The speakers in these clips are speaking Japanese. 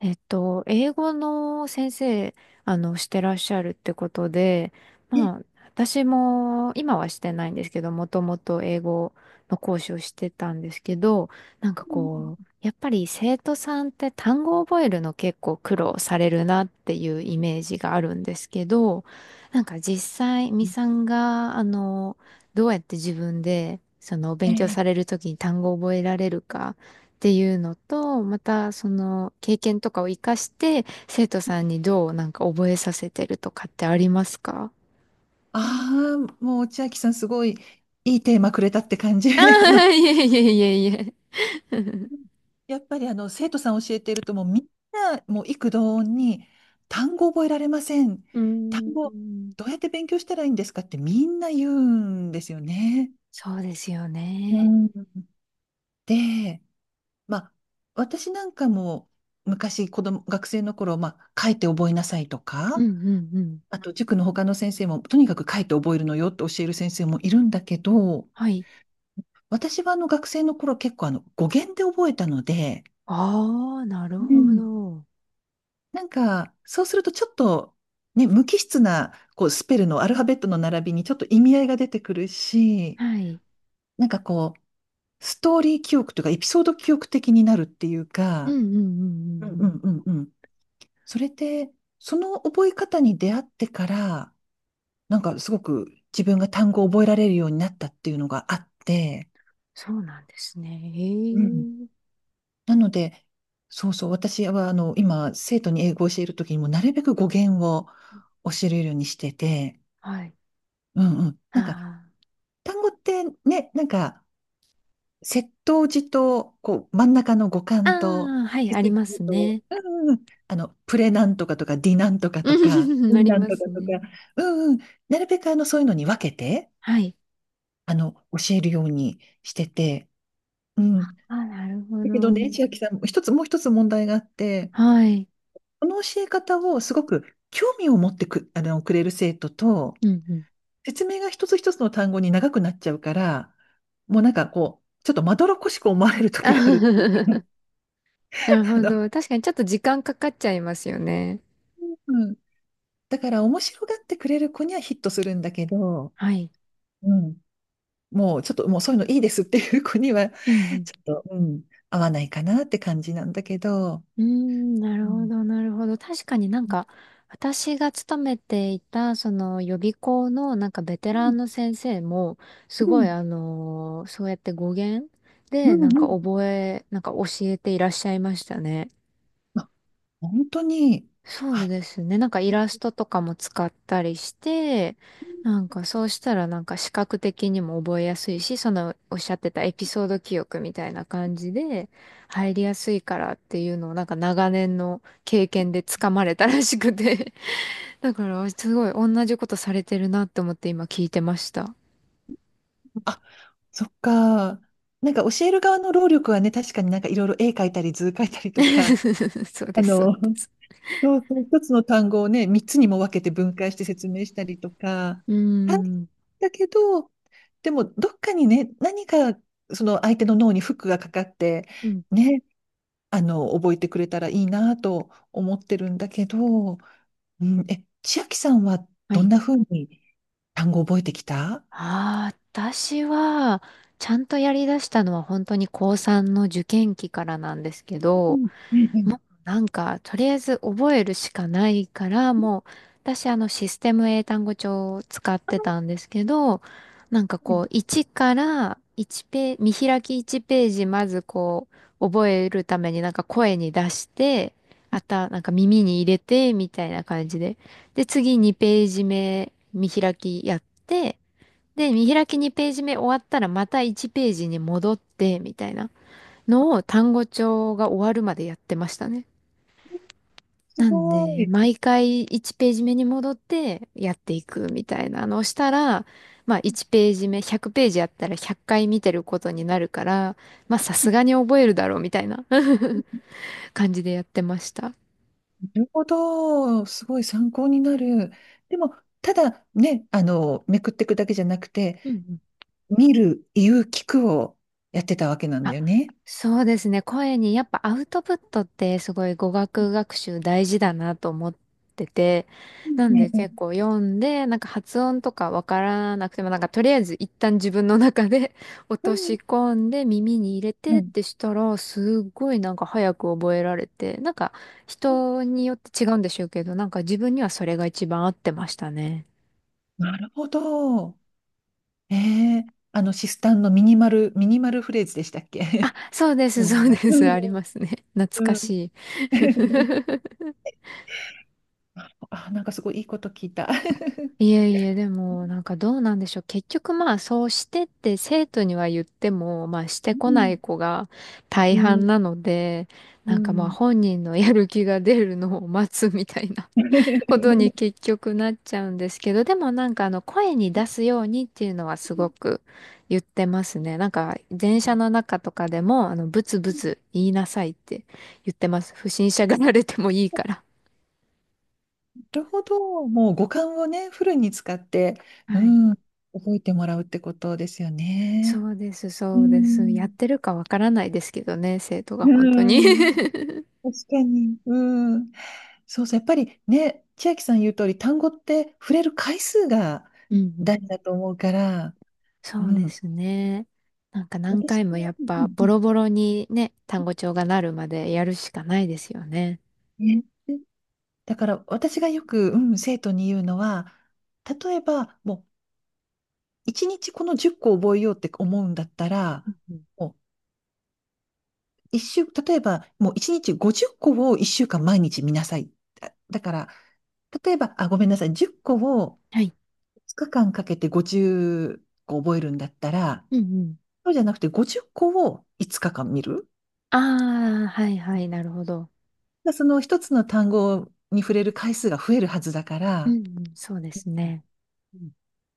英語の先生、してらっしゃるってことで、ええまあ、私も今はしてないんですけど、もともと英語の講師をしてたんですけど、なんかこう、やっぱり生徒さんって単語を覚えるの結構苦労されるなっていうイメージがあるんですけど、なんか実際、みさんが、どうやって自分で、勉強されえるときに単語を覚えられるか、っていうのと、またその経験とかを活かして生徒さんにどうなんか覚えさせてるとかってありますか？ああー、もう千秋さん、すごいいいテーマくれたって感じ。あ あの、あー、いえいえいえいえ。やっぱり生徒さん教えてると、もうみんな、もう幾度に単語覚えられません。うー単語ん、どうやって勉強したらいいんですかって、みんな言うんですよね。そうですようね。ん。で、まあ私なんかも昔子供、学生の頃、まあ書いて覚えなさいとうか、んうんうん。あと塾の他の先生も、とにかく書いて覚えるのよって教える先生もいるんだけど、はい。私は学生の頃結構語源で覚えたので、ああ、なるうほん。ど。なんか、そうするとちょっとね、無機質な、こう、スペルのアルファベットの並びにちょっと意味合いが出てくるし、はい。なんかこう、ストーリー記憶というか、エピソード記憶的になるっていううんか、うんうんううんんううん。んうんうん。それで、その覚え方に出会ってから、なんかすごく自分が単語を覚えられるようになったっていうのがあって、そうなんですね。へうん。え。なので、そうそう、私は今、生徒に英語を教えるときにも、なるべく語源を教えるようにしてて、はい。うんうん。なんか、あ単語ってね、なんか、接頭辞と、こう、真ん中の語あ。幹と、ああ、はい、接あり続ま辞すと、ね。うんうんうん、プレなんとかとか、ディなんとかとか、ううん あんりなんまとかすとか、ね。うんうん、なるべくそういうのに分けて、はい。教えるようにしてて、うん。あ、なるほだけどね、ど。千秋さん、もう一つ問題があって、はい。この教え方をすごく興味を持ってく、あの、くれる生徒と、うんうん。説明が一つ一つの単語に長くなっちゃうから、もうなんかこう、ちょっとまどろっこしく思われる時があるってい うなるか。ほど。確かにちょっと時間かかっちゃいますよね。うん。だから面白がってくれる子にはヒットするんだけど、はい。うん。もうちょっともうそういうのいいですっていう子には、う んちょっと、うん、合わないかなって感じなんだけど、うん。うーん、なうるほん。ど、なるほど。確かになんうん。か、私が勤めていた、その予備校のなんかベテランの先生も、すうごいん。そうやって語源で、うなんん。うかん、覚え、なんか教えていらっしゃいましたね。本当に。そうはい。ですね。なんかイラストとかも使ったりして、なんかそうしたらなんか視覚的にも覚えやすいし、そのおっしゃってたエピソード記憶みたいな感じで入りやすいからっていうのをなんか長年の経験でつかまれたらしくて。だからすごい同じことされてるなって思って今聞いてました。あ、そっか。なんか教える側の労力はね、確かになんかいろいろ絵描いたり図描いたりとか、そう であす、そうの、です。そうそう、一つの単語をね、三つにも分けて分解して説明したりとか、うー大変ん。だけど、でもどっかにね、何かその相手の脳にフックがかかって、うん。ね、覚えてくれたらいいなと思ってるんだけど、うん、千秋さんははどんい。な風に単語を覚えてきた。ああ、私は、ちゃんとやりだしたのは本当に高3の受験期からなんですけうど、んうんうん。もうなんか、とりあえず覚えるしかないから、もう、私システム英単語帳を使ってたんですけど、なんかこう、1から1ペ見開き1ページまず覚えるためになんか声に出して、なんか耳に入れて、みたいな感じで。で、次2ページ目見開きやって、で、見開き2ページ目終わったらまた1ページに戻って、みたいなのを単語帳が終わるまでやってましたね。すなんごで、い。毎回1ページ目に戻ってやっていくみたいなのをしたら、まあ1ページ目、100ページやったら100回見てることになるから、まあさすがに覚えるだろうみたいな 感じでやってました。なるほど。すごい参考になる。でも、ただね、めくっていくだけじゃなくて、うんうん。見る、言う、聞くをやってたわけなんだあ、よね。そうですね。声にやっぱアウトプットってすごい語学学習大事だなと思ってて、うんなんでね。う結ん構読んで、なんか発音とかわからなくても、なんかとりあえず一旦自分の中で 落としう込んで耳に入れん。てうっん、てしたら、すっごいなんか早く覚えられて、なんか人によって違うんでしょうけど、なんか自分にはそれが一番合ってましたね。なるほど。ええシスタンのミニマルフレーズでしたっあ、け？ そうで す、うんそうでうす。ありんますね。懐かうん しい。あ、なんかすごいいいこと聞いた。いえいえ、でも、なんかどうなんでしょう。結局まあ、そうしてって生徒には言っても、まあ、してうこなんい子が大うん半なので、うなんかまあ、ん 本人の やる気が出るのを待つみたいな ことに 結局なっちゃうんですけど、でもなんか声に出すようにっていうのはすごく言ってますね。なんか、電車の中とかでも、ブツブツ言いなさいって言ってます。不審者がられてもいいから。なるほど。もう五感をね、フルに使って、うはい。ん、覚えてもらうってことですよね。そうです、うそうです。やっん。てるかわからないですけどね、生徒がう本当に ん。確かに。うん。そうそう。やっぱりね、千秋さん言う通り、単語って触れる回数がうんうん。大事だと思うから、そううでん。すね。なんか何私回もやも、っうんぱうボんロボロにね、単語帳がなるまでやるしかないですよね。うんね。だから私がよく、うん、生徒に言うのは、例えば、もう、一日この10個覚えようって思うんだったうら、んうん。もう一週、例えば、もう一日50個を一週間毎日見なさい。だから、例えば、あ、ごめんなさい、10個をはい。2日間かけて50個覚えるんだったら、うんうん。そうじゃなくて50個を5日間見る。ああ、はいはい、なるほど。その一つの単語に触れる回数が増えるはずだかうら、んうん。そうですね。うん。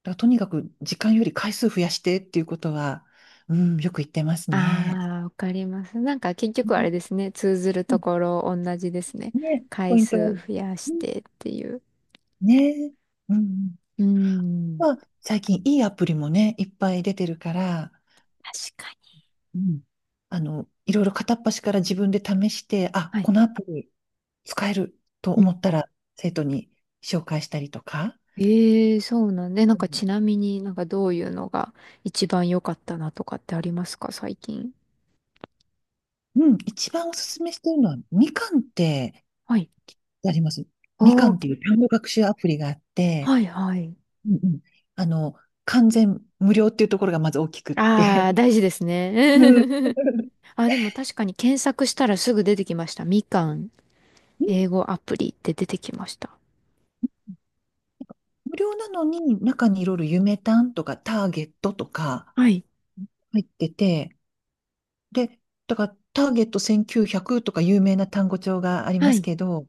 だからとにかく時間より回数増やしてっていうことは、うん、よく言ってますね。ああ、わかります。なんか結う局あん。れですね。通ずるうとんころ同じですね。ね、ポ回イントは。う数増やしんてっていう。ね。うんうん。うーん。まあ、最近いいアプリもね、いっぱい出てるから、確かに。うん。いろいろ片っ端から自分で試して、あ、はい。このアプリ使えると思ったら、生徒に紹介したりとか。ええ。そうなんで、なんうかちんなみになんかどういうのが一番良かったなとかってありますか、最近？うん、一番おすすめしてるのは、みかんってはい。あります。あみかんー、っていう単語学習アプリがあって、はいはい。うんうん、あの、完全無料っていうところがまず大きくって。ああ、大事です うんうん。ね。あ、でも確かに検索したらすぐ出てきました。みかん、英語アプリって出てきました。無料なのに、中にいろいろ夢単とかターゲットとかはい。入ってて、で、だからターゲット1900とか有名な単語帳がありまはすい。けど、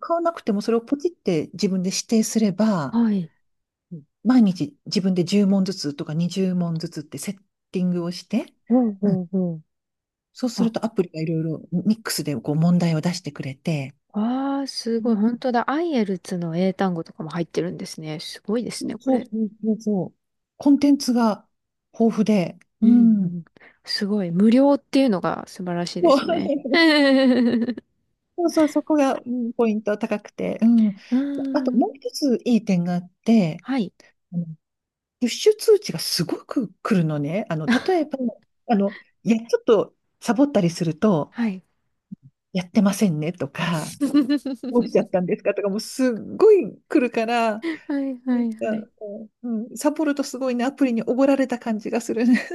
買わなくてもそれをポチって自分で指定すれば、はい。うん、毎日自分で10問ずつとか20問ずつってセッティングをして、ほううほん、うほう。そうするあ、とアプリがいろいろミックスでこう問題を出してくれて、ああ、すうごい。ん、本当だ。アイエルツの英単語とかも入ってるんですね。すごいですね、こそうそれ。うそうそう。コンテンツが豊富で、ううんうん。ん。すごい。無料っていうのが素晴らしいでそうすね。うそうそう、そこが、うん、ポイント高くて。うん。ーあともん。う一ついい点があって、はい。あのプッシュ通知がすごく来るのね。例えば、あの、いや、ちょっとサボったりすると、はい。やってませんねとか、どうしちゃっ たんですかとか、もうすっごい来るから、なはいはんいはい。か、こううん、サボるとすごいね、アプリにおごられた感じがするね。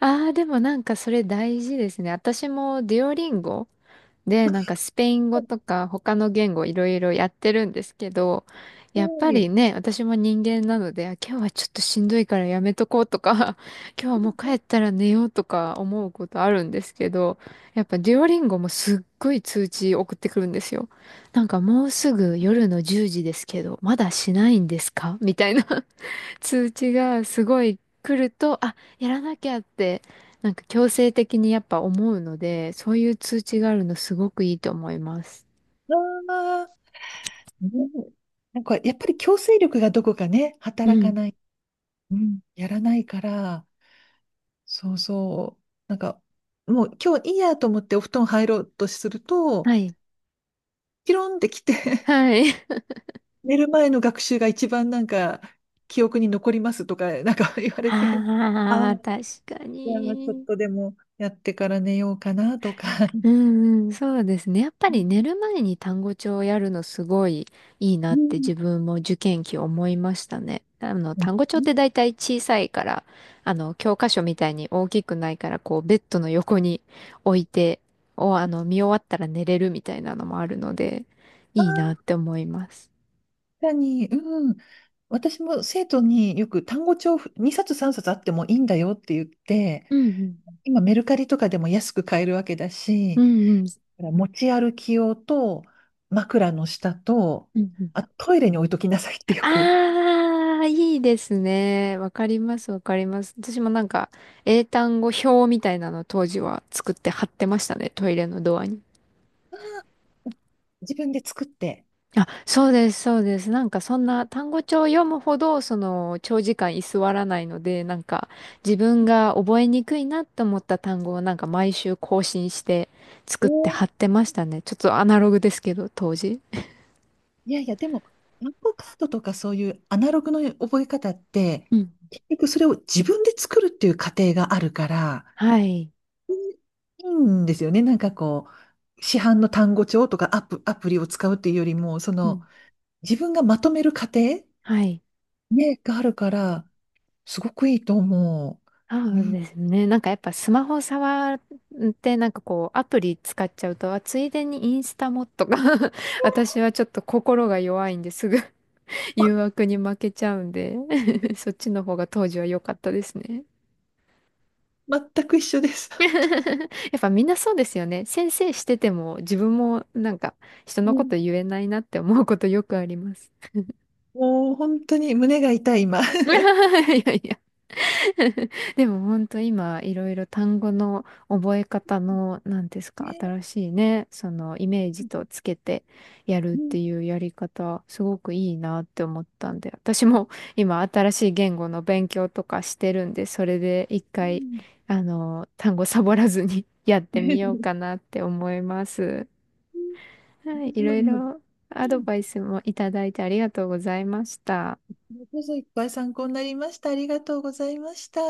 ああ、でもなんかそれ大事ですね。私もデュオリンゴで、なんかスペイン語とか他の言語いろいろやってるんですけど、やっはぱりい。ね、私も人間なので、あ、今日はちょっとしんどいからやめとこうとか、今日はもう帰ったら寝ようとか思うことあるんですけど、やっぱデュオリンゴもすっごい通知送ってくるんですよ。なんかもうすぐ夜の10時ですけど、まだしないんですかみたいな。通知がすごい来ると、あ、やらなきゃって、なんか強制的にやっぱ思うので、そういう通知があるのすごくいいと思います。ああ、ね、なんかやっぱり強制力がどこかね、う働かん。ない、うん、やらないから、そうそう。なんか、もう今日いいやと思ってお布団入ろうとすると、はい。ピロンって来て はい。寝る前の学習が一番なんか、記憶に残りますとか、なんか 言われて、ああ、ああ、確かじゃあちょっに。とでもやってから寝ようかなとか。うんうん、そうですね。やっぱりう寝る前に単語帳をやるのすごいいいなってん。自分も受験期思いましたね。単語帳って大体小さいから、教科書みたいに大きくないから、ベッドの横に置いて、お、あの、見終わったら寝れるみたいなのもあるので、あいいなっあ、て思います。確かに、うん。私も生徒によく、単語帳2冊3冊あってもいいんだよって言って、うん今メルカリとかでも安く買えるわけだうし、んうんうん。持ち歩き用と、枕の下と、うんうん。あ、トイレに置いときなさいってよく。ああ、いいですね。わかります、わかります。私もなんか、英単語表みたいなの当時は作って貼ってましたね、トイレのドアに。自分で作って。あ、そうです、そうです。なんかそんな単語帳を読むほど、長時間居座らないので、なんか、自分が覚えにくいなと思った単語をなんか毎週更新して作おって貼ー、ってましたね。ちょっとアナログですけど、当時。いやいや、でも、暗号カードとかそういうアナログの覚え方って、うん。結局それを自分で作るっていう過程があるから、はい。いいんですよね。なんかこう、市販の単語帳とかアプリを使うっていうよりも、そうの、ん。自分がまとめる過程、はい。ね、があるから、すごくいいと思う。そううん。ですね。なんかやっぱスマホ触ってなんかこうアプリ使っちゃうと、あ、ついでにインスタもとか 私はちょっと心が弱いんですぐ 誘惑に負けちゃうんで そっちの方が当時は良かったですね。全く一緒です。やっぱみんなそうですよね。先生してても自分もなんか人うのこん。と言えないなって思うことよくあります。もう本当に胸が痛い、今。いやいや でも本当今いろいろ単語の覚え方の何ですか新ね。しいねそのイメーうジん。とつけてやるっうん。ていうやり方すごくいいなって思ったんで私も 今新しい言語の勉強とかしてるんでそれで一回単語サボらずに やってみようか なって思います。はい、い私も、ろういん、ころアドバイスもいただいてありがとうございました。れこそいっぱい参考になりました。ありがとうございました。